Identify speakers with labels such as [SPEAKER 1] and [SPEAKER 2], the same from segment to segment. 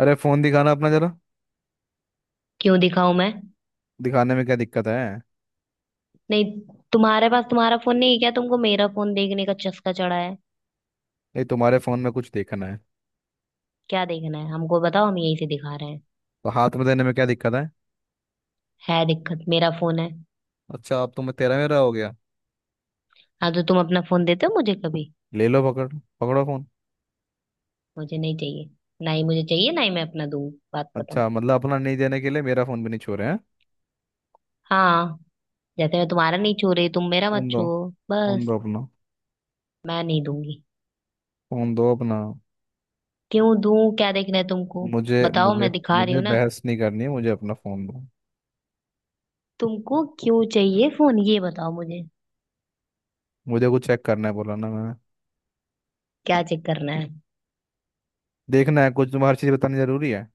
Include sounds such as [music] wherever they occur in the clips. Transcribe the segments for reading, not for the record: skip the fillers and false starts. [SPEAKER 1] अरे फोन दिखाना अपना जरा।
[SPEAKER 2] क्यों दिखाऊं मैं।
[SPEAKER 1] दिखाने में क्या दिक्कत है?
[SPEAKER 2] नहीं। तुम्हारे पास तुम्हारा फोन नहीं है क्या? तुमको मेरा फोन देखने का चस्का चढ़ा है?
[SPEAKER 1] नहीं, तुम्हारे फोन में कुछ देखना है।
[SPEAKER 2] क्या देखना है हमको बताओ, हम यही से दिखा रहे हैं।
[SPEAKER 1] तो हाथ में देने में क्या दिक्कत है?
[SPEAKER 2] है दिक्कत, मेरा फोन है।
[SPEAKER 1] अच्छा, अब तो मैं तेरा मेरा हो गया।
[SPEAKER 2] हाँ तो तुम अपना फोन देते हो मुझे कभी?
[SPEAKER 1] ले लो, पकड़। पकड़ो फोन।
[SPEAKER 2] मुझे नहीं चाहिए। ना ही मुझे चाहिए ना ही मैं अपना दूं। बात खत्म।
[SPEAKER 1] अच्छा मतलब अपना नहीं देने के लिए मेरा फोन भी नहीं छोड़े हैं।
[SPEAKER 2] हाँ। जैसे मैं तुम्हारा नहीं छू रही, तुम मेरा मत
[SPEAKER 1] फोन दो।
[SPEAKER 2] छुओ।
[SPEAKER 1] फोन
[SPEAKER 2] बस।
[SPEAKER 1] दो अपना।
[SPEAKER 2] मैं नहीं दूंगी।
[SPEAKER 1] फोन दो अपना।
[SPEAKER 2] क्यों दूं? क्या देखना है तुमको?
[SPEAKER 1] मुझे
[SPEAKER 2] बताओ,
[SPEAKER 1] मुझे
[SPEAKER 2] मैं दिखा रही
[SPEAKER 1] मुझे
[SPEAKER 2] हूँ ना।
[SPEAKER 1] बहस नहीं करनी है, मुझे अपना फोन दो।
[SPEAKER 2] तुमको क्यों चाहिए फोन, ये बताओ मुझे।
[SPEAKER 1] मुझे कुछ चेक करना है, बोला ना मैंने।
[SPEAKER 2] क्या चेक करना है?
[SPEAKER 1] देखना है कुछ। तुम्हें हर चीज बतानी जरूरी है?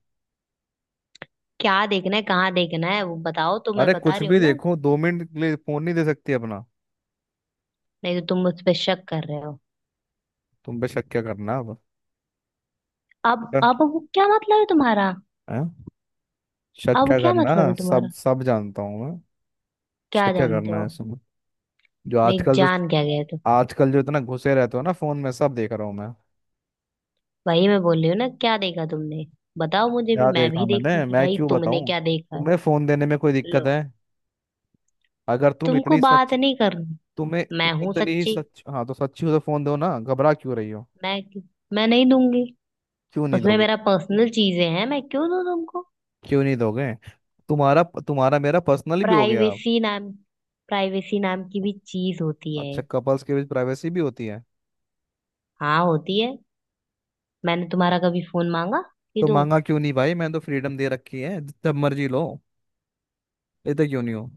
[SPEAKER 2] क्या देखना है कहाँ देखना है वो बताओ तो, मैं
[SPEAKER 1] अरे
[SPEAKER 2] बता
[SPEAKER 1] कुछ
[SPEAKER 2] रही
[SPEAKER 1] भी
[SPEAKER 2] हूँ ना।
[SPEAKER 1] देखो, दो मिनट के लिए फोन नहीं दे सकती अपना?
[SPEAKER 2] नहीं, तो तुम उस पर शक कर रहे हो।
[SPEAKER 1] तुम पे शक क्या करना अब।
[SPEAKER 2] अब वो क्या मतलब है तुम्हारा?
[SPEAKER 1] हैं? शक
[SPEAKER 2] अब
[SPEAKER 1] क्या
[SPEAKER 2] क्या
[SPEAKER 1] करना
[SPEAKER 2] मतलब
[SPEAKER 1] है,
[SPEAKER 2] है
[SPEAKER 1] सब
[SPEAKER 2] तुम्हारा?
[SPEAKER 1] सब जानता हूँ मैं। शक
[SPEAKER 2] क्या
[SPEAKER 1] क्या
[SPEAKER 2] जानते
[SPEAKER 1] करना
[SPEAKER 2] हो?
[SPEAKER 1] है इसमें। जो
[SPEAKER 2] नहीं,
[SPEAKER 1] आजकल जो
[SPEAKER 2] जान क्या गए तुम?
[SPEAKER 1] आजकल जो इतना घुसे रहते हो ना फोन में, सब देख रहा हूँ मैं।
[SPEAKER 2] वही मैं बोल रही हूँ ना, क्या देखा तुमने? बताओ मुझे भी,
[SPEAKER 1] क्या
[SPEAKER 2] मैं
[SPEAKER 1] देखा
[SPEAKER 2] भी देखूं
[SPEAKER 1] मैंने?
[SPEAKER 2] कि
[SPEAKER 1] मैं
[SPEAKER 2] भाई
[SPEAKER 1] क्यों
[SPEAKER 2] तुमने
[SPEAKER 1] बताऊँ
[SPEAKER 2] क्या देखा है।
[SPEAKER 1] तुम्हें? फोन देने में कोई
[SPEAKER 2] लो।
[SPEAKER 1] दिक्कत है? अगर तुम
[SPEAKER 2] तुमको
[SPEAKER 1] इतनी
[SPEAKER 2] बात
[SPEAKER 1] सच
[SPEAKER 2] नहीं करनी।
[SPEAKER 1] तुम्हें
[SPEAKER 2] मैं
[SPEAKER 1] तुम
[SPEAKER 2] हूं
[SPEAKER 1] इतनी ही
[SPEAKER 2] सच्ची।
[SPEAKER 1] सच हाँ, तो सच्ची हो तो फोन दो ना, घबरा क्यों रही हो?
[SPEAKER 2] मैं मैं नहीं दूंगी।
[SPEAKER 1] क्यों नहीं
[SPEAKER 2] उसमें
[SPEAKER 1] दोगे?
[SPEAKER 2] मेरा पर्सनल चीजें हैं, मैं क्यों दूं तुमको?
[SPEAKER 1] क्यों नहीं दोगे? तुम्हारा तुम्हारा मेरा पर्सनल भी हो गया अब?
[SPEAKER 2] प्राइवेसी नाम प्राइवेसी नाम की भी चीज होती है।
[SPEAKER 1] अच्छा, कपल्स के बीच प्राइवेसी भी होती है?
[SPEAKER 2] हाँ होती है। मैंने तुम्हारा कभी फोन मांगा कि
[SPEAKER 1] तो
[SPEAKER 2] दो?
[SPEAKER 1] मांगा क्यों नहीं भाई? मैंने तो फ्रीडम दे रखी है, जब मर्जी लो। लेते क्यों नहीं हो?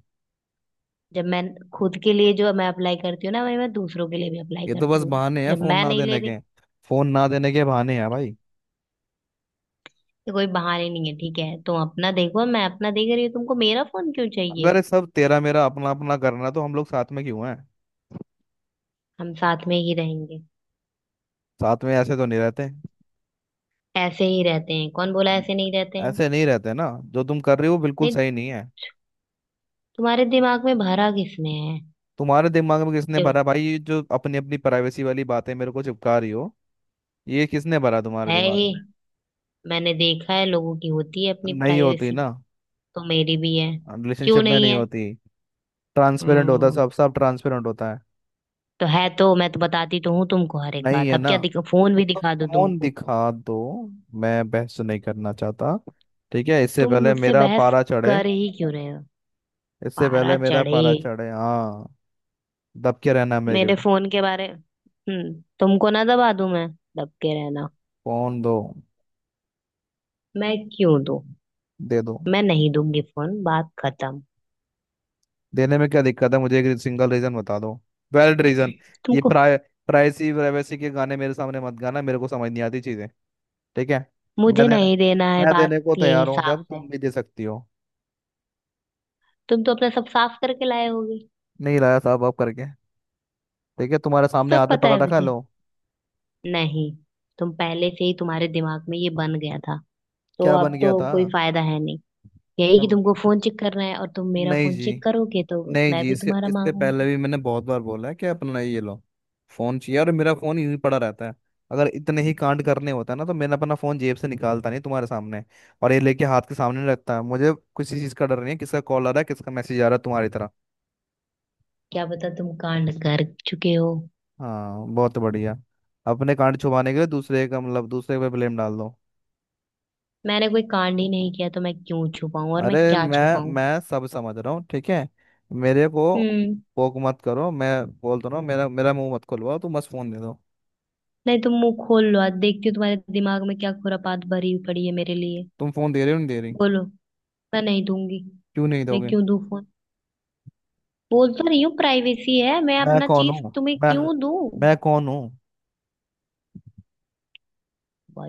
[SPEAKER 2] जब मैं खुद के लिए जो मैं अप्लाई करती हूँ ना वही मैं दूसरों के लिए भी अप्लाई
[SPEAKER 1] ये तो
[SPEAKER 2] करती
[SPEAKER 1] बस
[SPEAKER 2] हूँ।
[SPEAKER 1] बहाने हैं
[SPEAKER 2] जब
[SPEAKER 1] फोन
[SPEAKER 2] मैं
[SPEAKER 1] ना
[SPEAKER 2] नहीं ले
[SPEAKER 1] देने के।
[SPEAKER 2] रही
[SPEAKER 1] फोन ना देने के बहाने हैं भाई।
[SPEAKER 2] तो कोई बहाने नहीं है, ठीक है। तुम अपना देखो, मैं अपना देख रही हूँ, तुमको मेरा फोन क्यों चाहिए?
[SPEAKER 1] अगर ये सब तेरा मेरा अपना अपना करना है, तो हम लोग साथ में क्यों हैं?
[SPEAKER 2] हम साथ में ही रहेंगे।
[SPEAKER 1] साथ में ऐसे तो नहीं रहते।
[SPEAKER 2] ऐसे ही रहते हैं, कौन बोला ऐसे नहीं रहते हैं?
[SPEAKER 1] ऐसे नहीं रहते ना। जो तुम कर रहे हो बिल्कुल
[SPEAKER 2] नहीं।
[SPEAKER 1] सही नहीं है।
[SPEAKER 2] तुम्हारे दिमाग में भरा किसने है?
[SPEAKER 1] तुम्हारे दिमाग में किसने
[SPEAKER 2] ये
[SPEAKER 1] भरा भाई? ये जो अपनी अपनी प्राइवेसी वाली बातें मेरे को चिपका रही हो, ये किसने भरा तुम्हारे
[SPEAKER 2] है
[SPEAKER 1] दिमाग
[SPEAKER 2] ही।
[SPEAKER 1] में?
[SPEAKER 2] मैंने देखा है, लोगों की होती है अपनी
[SPEAKER 1] नहीं होती
[SPEAKER 2] प्राइवेसी।
[SPEAKER 1] ना।
[SPEAKER 2] तो मेरी भी है। क्यों
[SPEAKER 1] रिलेशनशिप में
[SPEAKER 2] नहीं
[SPEAKER 1] नहीं
[SPEAKER 2] है?
[SPEAKER 1] होती। ट्रांसपेरेंट होता,
[SPEAKER 2] हम्म,
[SPEAKER 1] सब सब ट्रांसपेरेंट होता है।
[SPEAKER 2] तो है। तो मैं तो बताती तो हूँ तुमको हर एक
[SPEAKER 1] नहीं
[SPEAKER 2] बात।
[SPEAKER 1] है
[SPEAKER 2] अब
[SPEAKER 1] ना,
[SPEAKER 2] क्या दिख फोन भी
[SPEAKER 1] तो
[SPEAKER 2] दिखा दो
[SPEAKER 1] फोन
[SPEAKER 2] तुमको?
[SPEAKER 1] दिखा दो। मैं बहस नहीं करना चाहता। ठीक है, इससे
[SPEAKER 2] तुम
[SPEAKER 1] पहले
[SPEAKER 2] मुझसे
[SPEAKER 1] मेरा
[SPEAKER 2] बहस
[SPEAKER 1] पारा चढ़े।
[SPEAKER 2] कर ही क्यों रहे हो?
[SPEAKER 1] इससे
[SPEAKER 2] पारा
[SPEAKER 1] पहले मेरा
[SPEAKER 2] चढ़े।
[SPEAKER 1] पारा चढ़े, हाँ। दब के रहना मेरे को।
[SPEAKER 2] मेरे फोन के बारे। तुमको ना दबा दूं मैं। दब के रहना।
[SPEAKER 1] फोन दो।
[SPEAKER 2] मैं क्यों दूं?
[SPEAKER 1] दे दो।
[SPEAKER 2] मैं नहीं दूंगी फोन, बात खत्म।
[SPEAKER 1] देने में क्या दिक्कत है? मुझे एक सिंगल रीजन बता दो, वैलिड रीजन। ये
[SPEAKER 2] तुमको।
[SPEAKER 1] प्राय प्राइसी प्राइवेसी के गाने मेरे सामने मत गाना, मेरे को समझ नहीं आती चीजें, ठीक है? मैं
[SPEAKER 2] मुझे
[SPEAKER 1] देने
[SPEAKER 2] नहीं देना है,
[SPEAKER 1] मैं
[SPEAKER 2] बात
[SPEAKER 1] देने को
[SPEAKER 2] यही
[SPEAKER 1] तैयार हूँ,
[SPEAKER 2] साफ
[SPEAKER 1] जब
[SPEAKER 2] है।
[SPEAKER 1] तुम भी दे सकती हो।
[SPEAKER 2] तुम तो अपना सब साफ करके लाए होगे।
[SPEAKER 1] नहीं लाया साहब, आप करके। ठीक है, तुम्हारे सामने
[SPEAKER 2] सब
[SPEAKER 1] हाथ में
[SPEAKER 2] पता
[SPEAKER 1] पकड़
[SPEAKER 2] है
[SPEAKER 1] रखा,
[SPEAKER 2] मुझे।
[SPEAKER 1] लो।
[SPEAKER 2] नहीं। तुम पहले से ही तुम्हारे दिमाग में ये बन गया था, तो
[SPEAKER 1] क्या
[SPEAKER 2] अब
[SPEAKER 1] बन
[SPEAKER 2] तो
[SPEAKER 1] गया था?
[SPEAKER 2] कोई फायदा है नहीं। यही
[SPEAKER 1] क्या
[SPEAKER 2] कि
[SPEAKER 1] बन
[SPEAKER 2] तुमको
[SPEAKER 1] गया?
[SPEAKER 2] फोन चेक करना है और तुम मेरा
[SPEAKER 1] नहीं
[SPEAKER 2] फोन
[SPEAKER 1] जी।
[SPEAKER 2] चेक करोगे तो।
[SPEAKER 1] नहीं
[SPEAKER 2] मैं
[SPEAKER 1] जी,
[SPEAKER 2] भी
[SPEAKER 1] इसके
[SPEAKER 2] तुम्हारा
[SPEAKER 1] इससे पहले
[SPEAKER 2] मांगूंगी।
[SPEAKER 1] भी मैंने बहुत बार बोला है कि अपना ये लो, फोन चाहिए, और मेरा फोन यूं ही पड़ा रहता है। अगर इतने ही कांड करने होता है ना, तो मैंने अपना फोन जेब से निकालता नहीं तुम्हारे सामने, और ये लेके हाथ के सामने नहीं रखता है। मुझे किसी चीज का डर नहीं है, किसका कॉल आ रहा है, किसका मैसेज आ रहा है, तुम्हारी तरह।
[SPEAKER 2] क्या पता तुम कांड कर चुके हो।
[SPEAKER 1] हाँ, बहुत बढ़िया। अपने कांड छुपाने के लिए दूसरे का मतलब दूसरे पे ब्लेम डाल दो।
[SPEAKER 2] मैंने कोई कांड ही नहीं किया तो मैं क्यों छुपाऊं और मैं
[SPEAKER 1] अरे
[SPEAKER 2] क्या
[SPEAKER 1] मैं
[SPEAKER 2] छुपाऊं?
[SPEAKER 1] मैं सब समझ रहा हूँ, ठीक है? मेरे को
[SPEAKER 2] हम्म।
[SPEAKER 1] पोक मत करो। मैं बोल तो रहा हूँ, मेरा मेरा मुंह मत खुलवाओ तुम, बस फोन दे दो।
[SPEAKER 2] नहीं, तुम मुंह खोल लो, आज देखती हूँ तुम्हारे दिमाग में क्या खुरापात भरी पड़ी है मेरे लिए।
[SPEAKER 1] तुम फोन दे रहे हो नहीं दे रही?
[SPEAKER 2] बोलो। मैं नहीं दूंगी।
[SPEAKER 1] क्यों नहीं
[SPEAKER 2] मैं
[SPEAKER 1] दोगे?
[SPEAKER 2] क्यों दूं फोन? बोल तो रही हूँ, प्राइवेसी है, मैं
[SPEAKER 1] मैं
[SPEAKER 2] अपना
[SPEAKER 1] कौन
[SPEAKER 2] चीज
[SPEAKER 1] हूँ?
[SPEAKER 2] तुम्हें
[SPEAKER 1] मैं
[SPEAKER 2] क्यों दूं?
[SPEAKER 1] मैं कौन हूँ?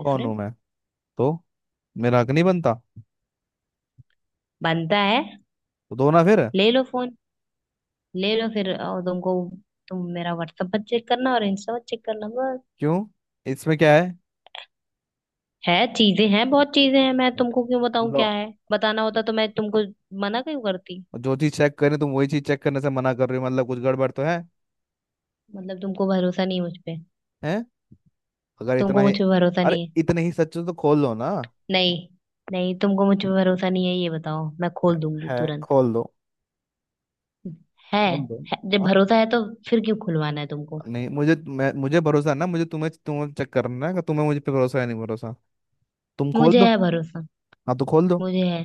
[SPEAKER 1] कौन हूँ मैं? तो मेरा हक नहीं बनता?
[SPEAKER 2] बनता है।
[SPEAKER 1] तो दो ना फिर।
[SPEAKER 2] ले लो फोन। ले लो फिर, और तुमको तुम मेरा व्हाट्सएप पर चेक करना और इंस्टा पर चेक करना, बस।
[SPEAKER 1] क्यों? इसमें क्या है?
[SPEAKER 2] है चीजें हैं, बहुत चीजें हैं, मैं तुमको क्यों बताऊं क्या
[SPEAKER 1] लो-
[SPEAKER 2] है, बताना होता तो मैं तुमको मना क्यों करती?
[SPEAKER 1] जो चीज चेक करें तुम वही चीज चेक करने से मना कर रहे हो, मतलब कुछ गड़बड़ तो है।
[SPEAKER 2] मतलब तुमको भरोसा नहीं मुझ पे?
[SPEAKER 1] हैं? अगर इतना
[SPEAKER 2] तुमको मुझ
[SPEAKER 1] ही,
[SPEAKER 2] पे भरोसा
[SPEAKER 1] अरे
[SPEAKER 2] नहीं है।
[SPEAKER 1] इतने ही सच हो तो खोल लो ना।
[SPEAKER 2] नहीं। नहीं, तुमको मुझ पे भरोसा नहीं है ये बताओ, मैं
[SPEAKER 1] है।
[SPEAKER 2] खोल दूंगी
[SPEAKER 1] है,
[SPEAKER 2] तुरंत।
[SPEAKER 1] खोल दो।
[SPEAKER 2] है,
[SPEAKER 1] खोल दो।
[SPEAKER 2] है। जब
[SPEAKER 1] हाँ,
[SPEAKER 2] भरोसा है तो फिर क्यों खुलवाना है तुमको?
[SPEAKER 1] नहीं मुझे भरोसा है ना, मुझे तुम्हें तुम्हें चेक करना है कि तुम्हें मुझे पे भरोसा है नहीं भरोसा। तुम खोल
[SPEAKER 2] मुझे
[SPEAKER 1] दो।
[SPEAKER 2] है भरोसा।
[SPEAKER 1] हाँ तो खोल दो।
[SPEAKER 2] मुझे है।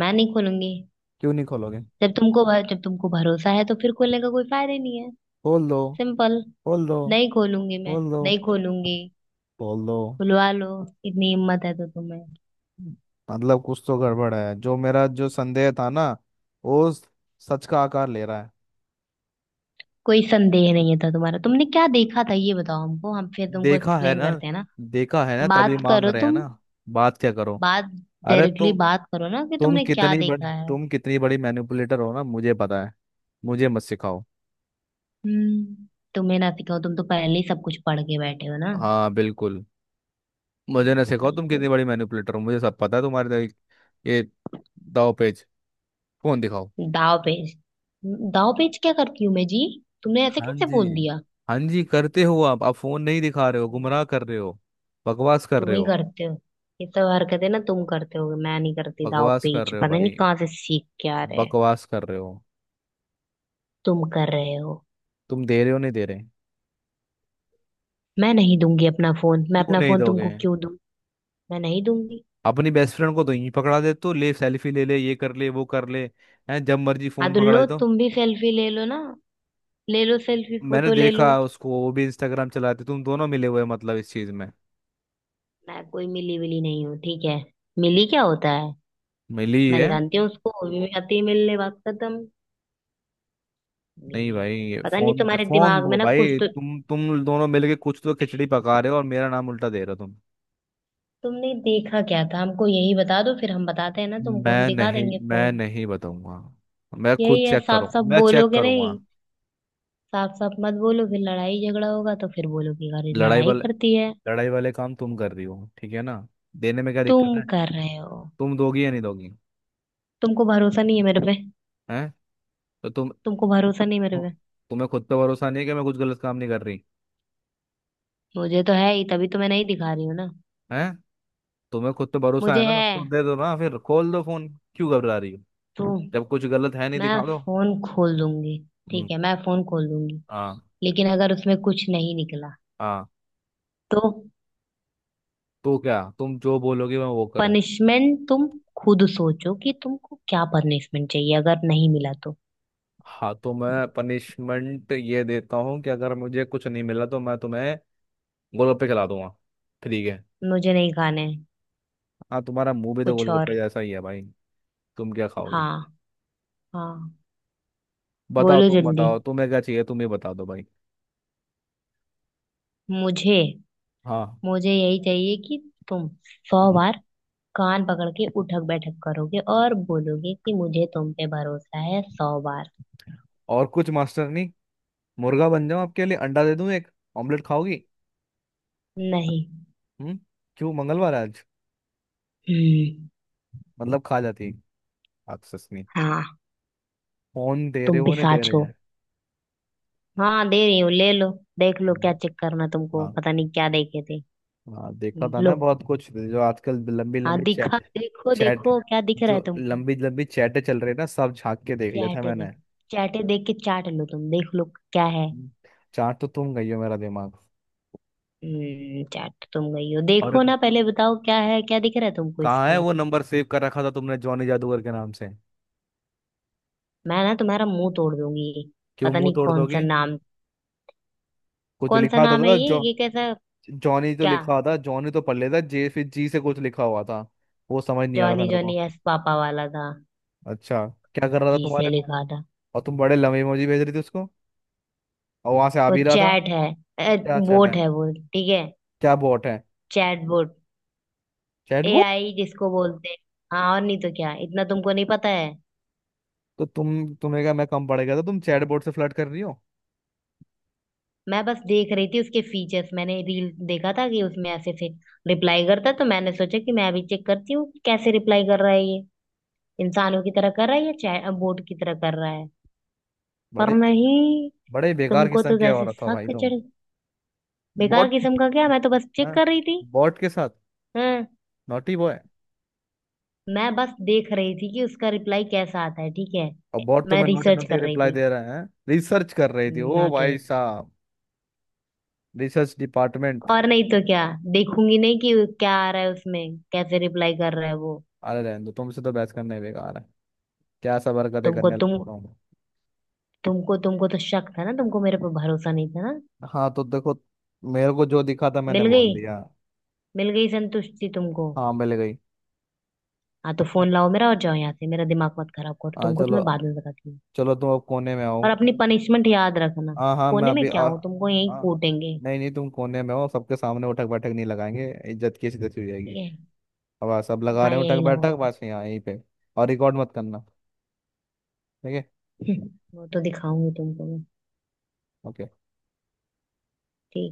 [SPEAKER 2] मैं नहीं खोलूंगी।
[SPEAKER 1] क्यों नहीं खोलोगे?
[SPEAKER 2] जब तुमको जब तुमको भरोसा है तो फिर खोलने का कोई फायदा ही नहीं है।
[SPEAKER 1] खोल दो।
[SPEAKER 2] सिंपल।
[SPEAKER 1] खोल दो।
[SPEAKER 2] नहीं खोलूंगी मैं।
[SPEAKER 1] खोल दो।
[SPEAKER 2] नहीं खोलूंगी।
[SPEAKER 1] खोल दो।
[SPEAKER 2] खुलवा लो, इतनी हिम्मत है तो तुम्हें।
[SPEAKER 1] मतलब कुछ तो गड़बड़ है, जो मेरा जो संदेह था ना, वो स- सच का आकार ले रहा है।
[SPEAKER 2] कोई संदेह नहीं था तुम्हारा, तुमने क्या देखा था ये बताओ हमको, हम फिर तुमको
[SPEAKER 1] देखा है
[SPEAKER 2] एक्सप्लेन
[SPEAKER 1] ना,
[SPEAKER 2] करते हैं ना।
[SPEAKER 1] देखा है ना, तभी
[SPEAKER 2] बात
[SPEAKER 1] मांग
[SPEAKER 2] करो
[SPEAKER 1] रहे हैं
[SPEAKER 2] तुम।
[SPEAKER 1] ना। बात क्या करो?
[SPEAKER 2] बात
[SPEAKER 1] अरे
[SPEAKER 2] डायरेक्टली
[SPEAKER 1] तुम,
[SPEAKER 2] बात करो ना, कि तुमने क्या देखा है?
[SPEAKER 1] तुम कितनी बड़ी मैनिपुलेटर हो ना, मुझे पता है। मुझे मत सिखाओ।
[SPEAKER 2] हम्म। तुम्हें ना सिखाओ, तुम तो पहले ही सब कुछ पढ़ के बैठे हो ना।
[SPEAKER 1] हाँ, बिल्कुल। मुझे ना सिखाओ, तुम
[SPEAKER 2] बिल्कुल।
[SPEAKER 1] कितनी बड़ी मैनिपुलेटर हो, मुझे सब पता है। तुम्हारे दाव- ये दाव पेच। फोन दिखाओ।
[SPEAKER 2] दाव पेच दाव पेच क्या करती हूँ मैं जी? तुमने ऐसे
[SPEAKER 1] हाँ
[SPEAKER 2] कैसे बोल
[SPEAKER 1] जी।
[SPEAKER 2] दिया?
[SPEAKER 1] हाँ जी करते हो आप। फोन नहीं दिखा रहे हो,
[SPEAKER 2] हम्म,
[SPEAKER 1] गुमराह कर रहे हो, बकवास कर
[SPEAKER 2] तुम
[SPEAKER 1] रहे
[SPEAKER 2] ही
[SPEAKER 1] हो।
[SPEAKER 2] करते हो। ये सब हरकतें ना, तुम करते हो, मैं नहीं करती, दाव
[SPEAKER 1] बकवास कर
[SPEAKER 2] पेच
[SPEAKER 1] रहे हो
[SPEAKER 2] पता नहीं
[SPEAKER 1] भाई।
[SPEAKER 2] कहाँ से सीख के आ रहे हैं।
[SPEAKER 1] बकवास कर रहे हो।
[SPEAKER 2] तुम कर रहे हो।
[SPEAKER 1] तुम दे रहे हो नहीं दे रहे?
[SPEAKER 2] मैं नहीं दूंगी अपना फोन, मैं
[SPEAKER 1] क्यों
[SPEAKER 2] अपना
[SPEAKER 1] नहीं
[SPEAKER 2] फोन
[SPEAKER 1] दोगे?
[SPEAKER 2] तुमको क्यों दूं? मैं नहीं दूंगी।
[SPEAKER 1] अपनी बेस्ट फ्रेंड को तो यहीं पकड़ा दे, तो ले सेल्फी ले ले, ये कर ले वो कर ले। हैं? जब मर्जी
[SPEAKER 2] हाँ
[SPEAKER 1] फोन
[SPEAKER 2] तो
[SPEAKER 1] पकड़ा
[SPEAKER 2] लो,
[SPEAKER 1] दे तो।
[SPEAKER 2] तुम भी सेल्फी ले लो ना, ले लो सेल्फी,
[SPEAKER 1] मैंने
[SPEAKER 2] फोटो ले
[SPEAKER 1] देखा
[SPEAKER 2] लो।
[SPEAKER 1] उसको, वो भी इंस्टाग्राम चलाते, तुम दोनों मिले हुए हैं, मतलब इस चीज में।
[SPEAKER 2] मैं कोई मिली विली नहीं हूँ, ठीक है। मिली क्या होता है?
[SPEAKER 1] मिली
[SPEAKER 2] मैं
[SPEAKER 1] है।
[SPEAKER 2] जानती हूँ उसको, वो भी आती है मिलने, बात खत्म।
[SPEAKER 1] नहीं
[SPEAKER 2] मिली
[SPEAKER 1] भाई,
[SPEAKER 2] है
[SPEAKER 1] ये
[SPEAKER 2] पता नहीं
[SPEAKER 1] फोन
[SPEAKER 2] तुम्हारे
[SPEAKER 1] फोन
[SPEAKER 2] दिमाग में
[SPEAKER 1] दो
[SPEAKER 2] ना कुछ
[SPEAKER 1] भाई।
[SPEAKER 2] तो।
[SPEAKER 1] तुम दोनों मिलके कुछ तो खिचड़ी पका रहे हो, और मेरा नाम उल्टा दे रहे हो तुम।
[SPEAKER 2] तुमने देखा क्या था हमको यही बता दो, फिर हम बताते हैं ना तुमको, हम
[SPEAKER 1] मैं
[SPEAKER 2] दिखा
[SPEAKER 1] नहीं
[SPEAKER 2] देंगे
[SPEAKER 1] मैं
[SPEAKER 2] फोन।
[SPEAKER 1] नहीं बताऊंगा। मैं खुद
[SPEAKER 2] यही है,
[SPEAKER 1] चेक
[SPEAKER 2] साफ
[SPEAKER 1] करूँ,
[SPEAKER 2] साफ
[SPEAKER 1] मैं चेक
[SPEAKER 2] बोलोगे
[SPEAKER 1] करूंगा।
[SPEAKER 2] नहीं? साफ साफ मत बोलो, फिर लड़ाई झगड़ा होगा तो फिर बोलोगे अरे
[SPEAKER 1] लड़ाई
[SPEAKER 2] लड़ाई
[SPEAKER 1] वाल
[SPEAKER 2] करती है।
[SPEAKER 1] लड़ाई वाले काम तुम कर रही हो, ठीक है ना? देने में क्या दिक्कत
[SPEAKER 2] तुम
[SPEAKER 1] है?
[SPEAKER 2] कर रहे हो।
[SPEAKER 1] तुम दोगी या नहीं दोगी?
[SPEAKER 2] तुमको भरोसा नहीं है मेरे पे।
[SPEAKER 1] हैं? तो तुम,
[SPEAKER 2] तुमको भरोसा नहीं मेरे पे।
[SPEAKER 1] तुम्हें खुद पे भरोसा नहीं है कि मैं कुछ गलत काम नहीं कर रही?
[SPEAKER 2] मुझे तो है ही, तभी तो मैं नहीं दिखा रही हूँ ना।
[SPEAKER 1] हैं? तुम्हें खुद पे भरोसा है
[SPEAKER 2] मुझे
[SPEAKER 1] ना,
[SPEAKER 2] है।
[SPEAKER 1] तो दे दो ना फिर, खोल दो फोन। क्यों घबरा रही हो?
[SPEAKER 2] तो
[SPEAKER 1] जब कुछ गलत है नहीं,
[SPEAKER 2] मैं
[SPEAKER 1] दिखा दो।
[SPEAKER 2] फोन खोल दूंगी।
[SPEAKER 1] हम्म,
[SPEAKER 2] ठीक है, मैं फोन खोल दूंगी।
[SPEAKER 1] हाँ।
[SPEAKER 2] लेकिन अगर उसमें कुछ नहीं निकला
[SPEAKER 1] हाँ
[SPEAKER 2] तो।
[SPEAKER 1] तो क्या, तुम जो बोलोगे मैं वो करूँ?
[SPEAKER 2] पनिशमेंट तुम खुद सोचो कि तुमको क्या पनिशमेंट चाहिए अगर नहीं मिला तो।
[SPEAKER 1] हाँ तो मैं पनिशमेंट ये देता हूँ कि अगर मुझे कुछ नहीं मिला तो मैं तुम्हें गोलगप्पे खिला दूंगा, ठीक है?
[SPEAKER 2] मुझे नहीं खाना है।
[SPEAKER 1] हाँ, तुम्हारा मुंह भी तो
[SPEAKER 2] कुछ
[SPEAKER 1] गोलगप्पे
[SPEAKER 2] और।
[SPEAKER 1] जैसा ही है भाई। तुम क्या खाओगे?
[SPEAKER 2] हाँ, हाँ।
[SPEAKER 1] बताओ
[SPEAKER 2] बोलो
[SPEAKER 1] तुम,
[SPEAKER 2] जल्दी।
[SPEAKER 1] बताओ तुम्हें क्या चाहिए, तुम ही बता दो भाई।
[SPEAKER 2] मुझे
[SPEAKER 1] हाँ।
[SPEAKER 2] मुझे यही चाहिए कि तुम सौ
[SPEAKER 1] हम्म।
[SPEAKER 2] बार कान पकड़ के उठक बैठक करोगे और बोलोगे कि मुझे तुम पे भरोसा है 100 बार।
[SPEAKER 1] और कुछ मास्टर नहीं? मुर्गा बन जाऊं आपके लिए, अंडा दे दूं एक? ऑमलेट खाओगी?
[SPEAKER 2] नहीं।
[SPEAKER 1] हम्म। क्यों, मंगलवार है आज?
[SPEAKER 2] हम्म।
[SPEAKER 1] मतलब खा जाती, एक्सेस नहीं?
[SPEAKER 2] हाँ।
[SPEAKER 1] फोन दे रहे
[SPEAKER 2] तुम
[SPEAKER 1] हो नहीं दे
[SPEAKER 2] पिशाच
[SPEAKER 1] रहे
[SPEAKER 2] हो।
[SPEAKER 1] हैं?
[SPEAKER 2] हाँ दे रही हूँ, ले लो। देख लो क्या
[SPEAKER 1] हम्म,
[SPEAKER 2] चेक करना तुमको,
[SPEAKER 1] हाँ।
[SPEAKER 2] पता नहीं क्या देखे थे।
[SPEAKER 1] हाँ देखा था ना,
[SPEAKER 2] लो।
[SPEAKER 1] बहुत कुछ जो आजकल लंबी
[SPEAKER 2] हाँ
[SPEAKER 1] लंबी
[SPEAKER 2] दिखा,
[SPEAKER 1] चैट।
[SPEAKER 2] देखो
[SPEAKER 1] चैट,
[SPEAKER 2] देखो क्या दिख रहा
[SPEAKER 1] जो
[SPEAKER 2] है तुमको?
[SPEAKER 1] लंबी लंबी चैटें चल रही है ना, सब झांक के देख लेता है
[SPEAKER 2] चैटे
[SPEAKER 1] मैंने।
[SPEAKER 2] देख चैटे देख के चाट लो, तुम देख लो, क्या है?
[SPEAKER 1] हम्म, चाट तो तुम गई हो मेरा दिमाग।
[SPEAKER 2] चाट तो तुम गई हो,
[SPEAKER 1] और
[SPEAKER 2] देखो ना, पहले बताओ क्या है, क्या दिख रहा है तुमको
[SPEAKER 1] कहाँ है
[SPEAKER 2] इसमें?
[SPEAKER 1] वो नंबर सेव कर रखा था तुमने, जॉनी जादूगर के नाम से?
[SPEAKER 2] मैं ना तुम्हारा मुंह तोड़ दूंगी।
[SPEAKER 1] क्यों
[SPEAKER 2] पता
[SPEAKER 1] मुंह
[SPEAKER 2] नहीं
[SPEAKER 1] तोड़
[SPEAKER 2] कौन सा
[SPEAKER 1] दोगी?
[SPEAKER 2] नाम।
[SPEAKER 1] कुछ
[SPEAKER 2] कौन सा
[SPEAKER 1] लिखा
[SPEAKER 2] नाम है
[SPEAKER 1] था
[SPEAKER 2] ये
[SPEAKER 1] जो।
[SPEAKER 2] ये कैसा?
[SPEAKER 1] जॉनी तो
[SPEAKER 2] क्या?
[SPEAKER 1] लिखा था, जॉनी तो पढ़ लेता। जे, फिर जी से कुछ लिखा हुआ था, वो समझ नहीं आ रहा था
[SPEAKER 2] जॉनी
[SPEAKER 1] मेरे को।
[SPEAKER 2] जॉनी एस पापा वाला था।
[SPEAKER 1] अच्छा, क्या कर रहा था
[SPEAKER 2] जी से
[SPEAKER 1] तुम्हारे को?
[SPEAKER 2] लिखा था।
[SPEAKER 1] और तुम बड़े लंबे इमोजी भेज रही थी उसको, और वहां से आ
[SPEAKER 2] वो
[SPEAKER 1] भी रहा था।
[SPEAKER 2] चैट है।
[SPEAKER 1] क्या चैट
[SPEAKER 2] बोट
[SPEAKER 1] है?
[SPEAKER 2] है वो, ठीक है।
[SPEAKER 1] क्या बोट है?
[SPEAKER 2] Chat bot.
[SPEAKER 1] चैटबॉट?
[SPEAKER 2] एआई जिसको बोलते हैं। हाँ और नहीं तो क्या, इतना तुमको नहीं पता है।
[SPEAKER 1] तो तुम, तुम्हें क्या मैं कम पड़ गया था? तुम चैटबॉट से फ्लर्ट कर रही हो?
[SPEAKER 2] मैं बस देख रही थी उसके फीचर्स, मैंने रील देखा था कि उसमें ऐसे से रिप्लाई करता है, तो मैंने सोचा कि मैं अभी चेक करती हूँ कि कैसे रिप्लाई कर रहा है ये, इंसानों की तरह कर रहा है या चैट बोट की तरह कर रहा है। पर
[SPEAKER 1] बड़े बे-
[SPEAKER 2] नहीं।
[SPEAKER 1] बड़े बेकार
[SPEAKER 2] तुमको
[SPEAKER 1] किस्म
[SPEAKER 2] तो
[SPEAKER 1] के
[SPEAKER 2] जैसे
[SPEAKER 1] औरत हो भाई
[SPEAKER 2] सक
[SPEAKER 1] तुम।
[SPEAKER 2] चढ़। बेकार
[SPEAKER 1] बॉट?
[SPEAKER 2] किस्म का क्या, मैं तो बस चेक
[SPEAKER 1] हाँ,
[SPEAKER 2] कर रही थी।
[SPEAKER 1] बॉट के साथ।
[SPEAKER 2] हम्म।
[SPEAKER 1] Naughty boy.
[SPEAKER 2] मैं बस देख रही थी कि उसका रिप्लाई कैसा आता है, ठीक है।
[SPEAKER 1] और बॉट
[SPEAKER 2] मैं
[SPEAKER 1] तुम्हें नॉटी
[SPEAKER 2] रिसर्च
[SPEAKER 1] नॉटी
[SPEAKER 2] कर रही
[SPEAKER 1] रिप्लाई
[SPEAKER 2] थी।
[SPEAKER 1] दे रहे हैं? रिसर्च कर रही थी, ओ
[SPEAKER 2] नॉट
[SPEAKER 1] भाई
[SPEAKER 2] इन।
[SPEAKER 1] साहब? Research department!
[SPEAKER 2] और नहीं तो क्या, देखूंगी नहीं कि क्या आ रहा है उसमें, कैसे रिप्लाई कर रहा है वो?
[SPEAKER 1] अरे रहने दो, तुमसे तो बहस करने ही बेकार है। क्या सब हरकतें
[SPEAKER 2] तुमको
[SPEAKER 1] करने
[SPEAKER 2] तुम
[SPEAKER 1] लगता हूँ।
[SPEAKER 2] तुमको तुमको तो शक था ना, तुमको मेरे पर भरोसा नहीं था ना।
[SPEAKER 1] हाँ तो देखो, मेरे को जो दिखा था मैंने
[SPEAKER 2] मिल
[SPEAKER 1] बोल
[SPEAKER 2] गई
[SPEAKER 1] दिया।
[SPEAKER 2] मिल गई संतुष्टि तुमको?
[SPEAKER 1] हाँ, मिल गई।
[SPEAKER 2] हाँ तो फोन लाओ मेरा और जाओ यहाँ से, मेरा दिमाग मत खराब करो,
[SPEAKER 1] हाँ
[SPEAKER 2] तुमको तो
[SPEAKER 1] चलो।
[SPEAKER 2] मैं बाद में बताती हूँ।
[SPEAKER 1] चलो तुम अब कोने में आओ।
[SPEAKER 2] और अपनी पनिशमेंट याद रखना।
[SPEAKER 1] हाँ हाँ, मैं
[SPEAKER 2] कोने में
[SPEAKER 1] अभी
[SPEAKER 2] क्या
[SPEAKER 1] आ,
[SPEAKER 2] हूँ, तुमको यहीं
[SPEAKER 1] आ,
[SPEAKER 2] कूटेंगे।
[SPEAKER 1] नहीं नहीं, तुम कोने में हो, सबके सामने उठक बैठक नहीं लगाएंगे, इज्जत की इज्जत हो जाएगी।
[SPEAKER 2] ये
[SPEAKER 1] अब आप सब लगा
[SPEAKER 2] मैं
[SPEAKER 1] रहे हो उठक
[SPEAKER 2] यहीं
[SPEAKER 1] बैठक,
[SPEAKER 2] लगाऊंगी।
[SPEAKER 1] बस यहाँ यहीं पे। और रिकॉर्ड मत करना, ठीक है?
[SPEAKER 2] [laughs] वो तो दिखाऊंगी तुमको मैं।
[SPEAKER 1] ओके।
[SPEAKER 2] ठीक है।